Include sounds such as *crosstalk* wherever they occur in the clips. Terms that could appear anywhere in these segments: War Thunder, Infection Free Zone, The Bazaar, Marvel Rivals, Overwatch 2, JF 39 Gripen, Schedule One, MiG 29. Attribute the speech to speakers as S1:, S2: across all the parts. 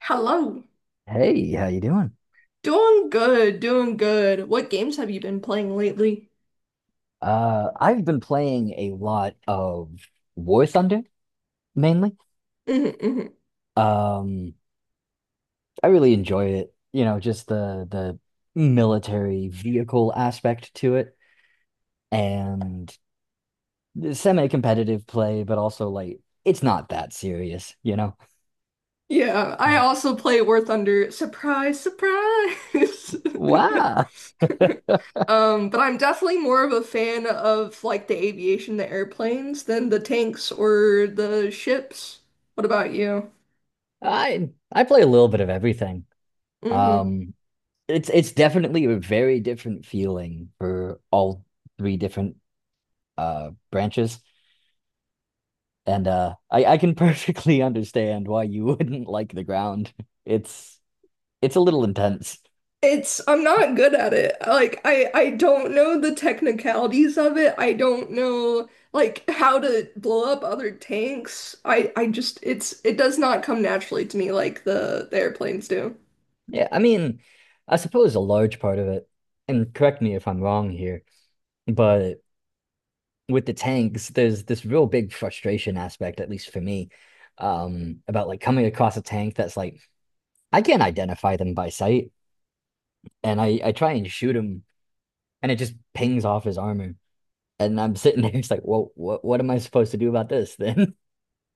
S1: Hello.
S2: Hey, how you doing?
S1: Doing good, doing good. What games have you been playing lately?
S2: I've been playing a lot of War Thunder mainly.
S1: hmm hmm
S2: Um, I really enjoy it. You know, just the military vehicle aspect to it and semi-competitive play, but also like it's not that serious, you know?
S1: Yeah, I
S2: Mm.
S1: also play War Thunder. Surprise, surprise. *laughs*
S2: Wow. *laughs*
S1: But I'm definitely more of a fan of like the aviation, the airplanes, than the tanks or the ships. What about you?
S2: I play a little bit of everything.
S1: Mm-hmm.
S2: Um, it's definitely a very different feeling for all three different branches. And I can *laughs* perfectly understand why you wouldn't like the ground. It's it's a little intense.
S1: It's I'm not good at it. Like I don't know the technicalities of it. I don't know like how to blow up other tanks. I just it's it does not come naturally to me like the airplanes do.
S2: Yeah, I mean, I suppose a large part of it, and correct me if I'm wrong here, but with the tanks, there's this real big frustration aspect, at least for me, about like coming across a tank that's like I can't identify them by sight, and I try and shoot him, and it just pings off his armor, and I'm sitting there, *laughs* it's like, well, what am I supposed to do about this then?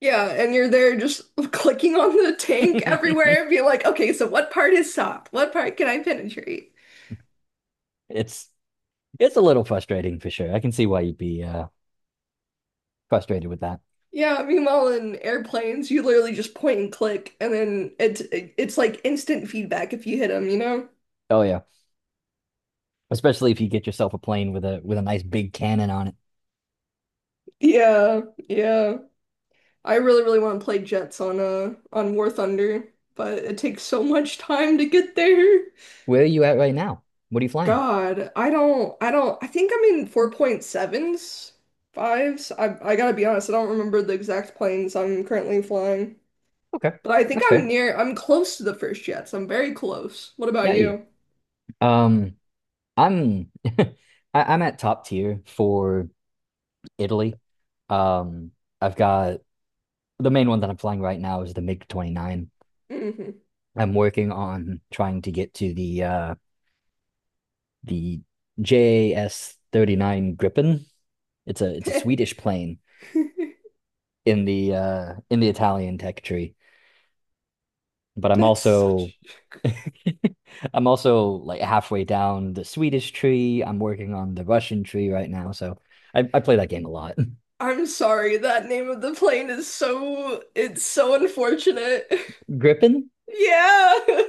S1: Yeah, and you're there just *laughs* clicking on the tank
S2: *laughs*
S1: everywhere and being like, okay, so what part is soft? What part can I penetrate?
S2: It's It's a little frustrating for sure. I can see why you'd be frustrated with that.
S1: Yeah, meanwhile in airplanes, you literally just point and click, and then it's like instant feedback if you hit them.
S2: Oh yeah, especially if you get yourself a plane with a nice big cannon on it.
S1: Yeah, yeah. I really, really want to play Jets on War Thunder, but it takes so much time to get there.
S2: Where are you at right now? What are you flying?
S1: God, I don't I think I'm in 4.7s, fives. I gotta be honest, I don't remember the exact planes I'm currently flying.
S2: Okay,
S1: But I think
S2: that's fair.
S1: I'm close to the first Jets. I'm very close. What about
S2: Yeah, you.
S1: you?
S2: Um, I'm *laughs* I, I'm at top tier for Italy. Um, I've got the main one that I'm flying right now is the MiG 29.
S1: hmm
S2: I'm working on trying to get to the JS 39 Gripen. It's a
S1: *laughs*
S2: Swedish plane in the Italian tech tree. But I'm
S1: That's
S2: also
S1: such
S2: *laughs* I'm also like halfway down the Swedish tree. I'm working on the Russian tree right now, so I play that game a lot.
S1: I'm sorry, that name of the plane is so it's so unfortunate. *laughs*
S2: *laughs* Griffin?
S1: Yeah. *laughs*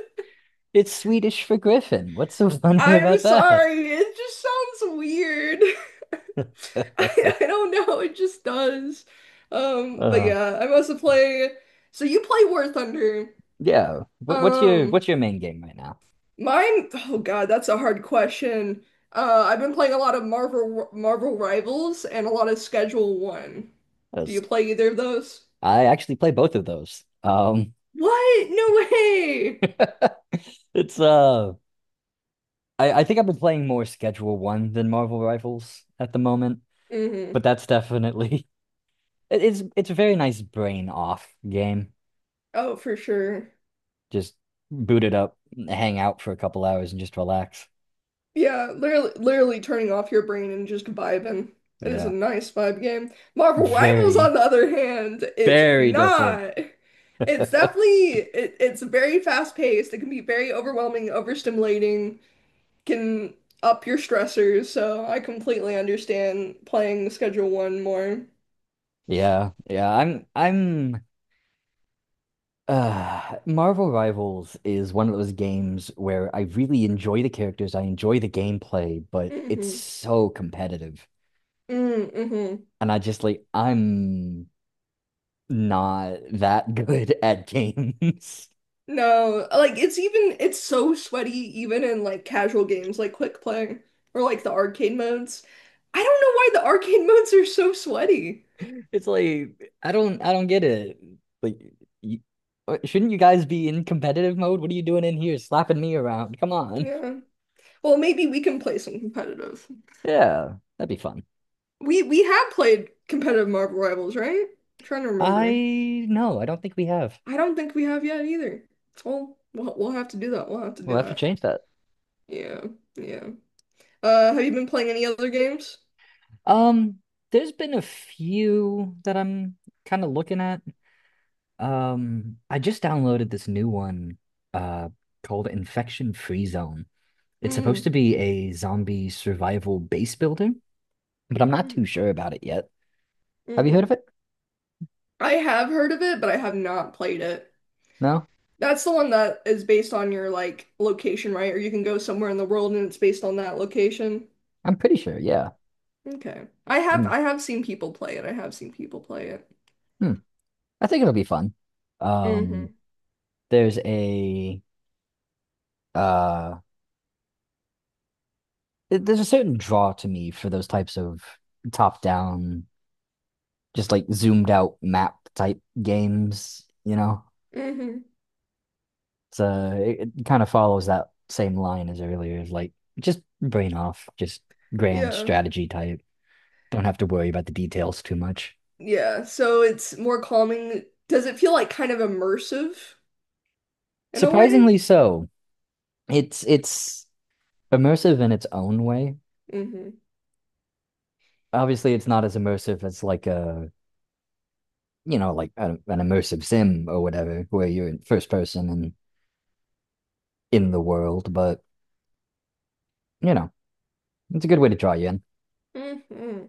S2: It's Swedish for Griffin. What's so *laughs* funny
S1: I'm
S2: about that?
S1: sorry. It just sounds weird. *laughs* I,
S2: *laughs*
S1: I don't know. It just does. But
S2: uh,
S1: yeah, I also play. So you play War Thunder.
S2: yeah. What's your
S1: Um,
S2: what's your main game right now?
S1: mine. Oh God, that's a hard question. I've been playing a lot of Marvel Rivals and a lot of Schedule One. Do
S2: 'Cause
S1: you play either of those?
S2: I actually play both of those.
S1: What? No way.
S2: *laughs* It's I think I've been playing more Schedule One than Marvel Rivals at the moment. But
S1: hmm
S2: that's definitely *laughs* it's a very nice brain off game.
S1: Oh, for sure.
S2: Just boot it up, hang out for a couple hours and just relax.
S1: Yeah, literally, literally turning off your brain and just vibing. It is a
S2: Yeah.
S1: nice vibe game. Marvel Rivals, on
S2: Very,
S1: the other hand, is
S2: very different.
S1: not.
S2: *laughs*
S1: It's definitely it's very fast paced. It can be very overwhelming, overstimulating, can up your stressors. So I completely understand playing Schedule One more.
S2: Yeah. Yeah, I'm Marvel Rivals is one of those games where I really enjoy the characters, I enjoy the gameplay, but it's
S1: Mm-hmm.
S2: so competitive.
S1: Mm-hmm.
S2: And I just like I'm not that good *laughs* at games.
S1: No, like it's so sweaty even in like casual games like quick play or like the arcade modes. I don't know why the arcade *laughs* modes are so sweaty.
S2: It's like I don't get it. Like you, shouldn't you guys be in competitive mode? What are you doing in here slapping me around? Come on.
S1: Yeah. Well, maybe we can play some competitive.
S2: Yeah, that'd be fun.
S1: We have played competitive Marvel Rivals, right? I'm trying to remember.
S2: I no, I don't think we have.
S1: I don't think we have yet either. Well, we'll have to do that. We'll have to
S2: We'll
S1: do
S2: have to
S1: that.
S2: change that.
S1: Yeah. Yeah. Have you been playing any other games?
S2: Um, there's been a few that I'm kind of looking at. I just downloaded this new one uh called Infection Free Zone. It's supposed
S1: Mm.
S2: to be a zombie survival base builder, but I'm not too
S1: Mhm.
S2: sure about it yet. Have you
S1: hmm
S2: heard of it?
S1: I have heard of it, but I have not played it.
S2: No?
S1: That's the one that is based on your like location, right? Or you can go somewhere in the world and it's based on that location.
S2: I'm pretty sure, yeah.
S1: Okay.
S2: Um,
S1: I have seen people play it. I have seen people play it.
S2: hmm. I think it'll be fun. Um,
S1: Mm-hmm.
S2: there's a uh, there's a certain draw to me for those types of top-down, just like zoomed out map type games, you know?
S1: Mm-hmm.
S2: So it kind of follows that same line as earlier, is like just brain off, just grand
S1: Yeah.
S2: strategy type. Don't have to worry about the details too much.
S1: Yeah. So it's more calming. Does it feel like kind of immersive in a way?
S2: Surprisingly so. It's immersive in its own way.
S1: Mm-hmm.
S2: Obviously it's not as immersive as like a you know like a, an immersive sim or whatever where you're in first person and in the world, but you know it's a good way to draw you in.
S1: Mm-hmm.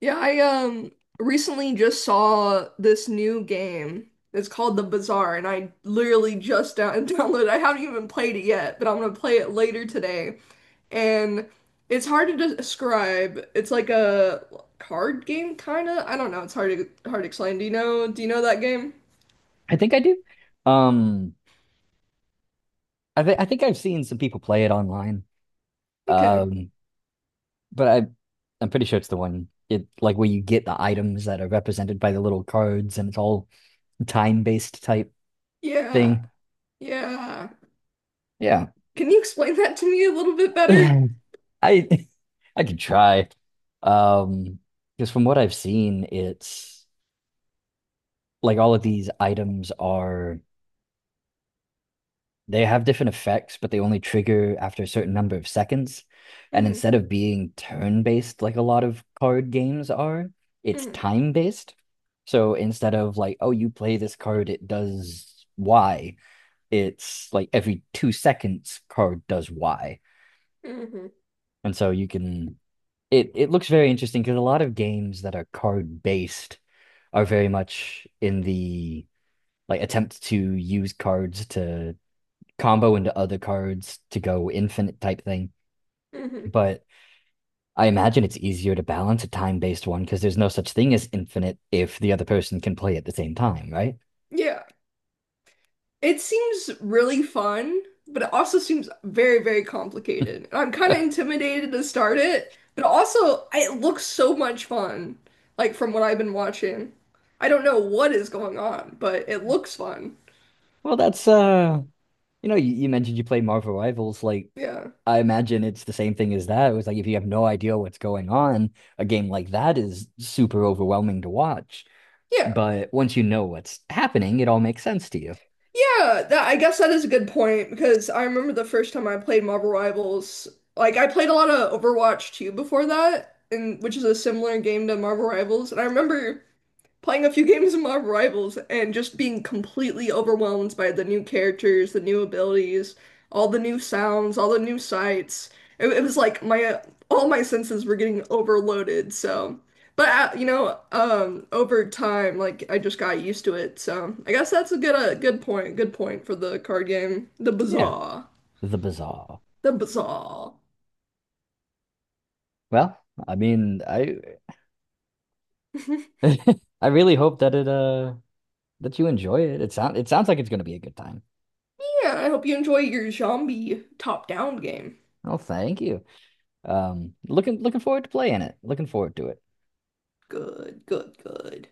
S1: Yeah, I recently just saw this new game. It's called The Bazaar, and I literally just down *laughs* downloaded. I haven't even played it yet, but I'm gonna play it later today. And it's hard to describe. It's like a card game, kind of. I don't know. It's hard to hard to explain. Do you know that game?
S2: I think I do. um I think I've seen some people play it online.
S1: Okay.
S2: um but I'm pretty sure it's the one it like where you get the items that are represented by the little cards and it's all time based type
S1: Yeah.
S2: thing.
S1: Yeah.
S2: Yeah.
S1: Can you explain that to me a little bit
S2: *laughs*
S1: better?
S2: i I could try. um because from what I've seen it's like all of these items are they have different effects, but they only trigger after a certain number of seconds. And
S1: hmm
S2: instead of being turn-based like a lot of card games are, it's
S1: hmm
S2: time-based. So instead of like, oh, you play this card, it does Y, it's like every 2 seconds card does Y.
S1: hmm
S2: And so you can it looks very interesting because a lot of games that are card-based are very much in the like attempt to use cards to combo into other cards to go infinite type thing.
S1: hmm
S2: But I imagine it's easier to balance a time based one because there's no such thing as infinite if the other person can play at the same time, right?
S1: Yeah. It seems really fun, but it also seems very, very complicated. And I'm kind of
S2: *laughs*
S1: intimidated to start it, but also it looks so much fun, like from what I've been watching. I don't know what is going on, but it looks fun.
S2: well, that's you know, you mentioned you play Marvel Rivals. Like,
S1: Yeah.
S2: I imagine it's the same thing as that. It was like if you have no idea what's going on, a game like that is super overwhelming to watch.
S1: Yeah.
S2: But once you know what's happening, it all makes sense to you.
S1: Yeah, that I guess that is a good point because I remember the first time I played Marvel Rivals, like I played a lot of Overwatch 2 before that, and which is a similar game to Marvel Rivals, and I remember playing a few games of Marvel Rivals and just being completely overwhelmed by the new characters, the new abilities, all the new sounds, all the new sights. It was like my all my senses were getting overloaded. So, but over time, like I just got used to it. So I guess that's a good point. Good point for the card game,
S2: Yeah, the bizarre.
S1: the bazaar.
S2: Well, I mean, I *laughs*
S1: *laughs*
S2: I really hope that it that you enjoy it. It sound it sounds like it's gonna be a good time.
S1: Yeah, I hope you enjoy your zombie top-down game.
S2: Oh, thank you. Looking forward to playing it. Looking forward to it.
S1: Good, good, good.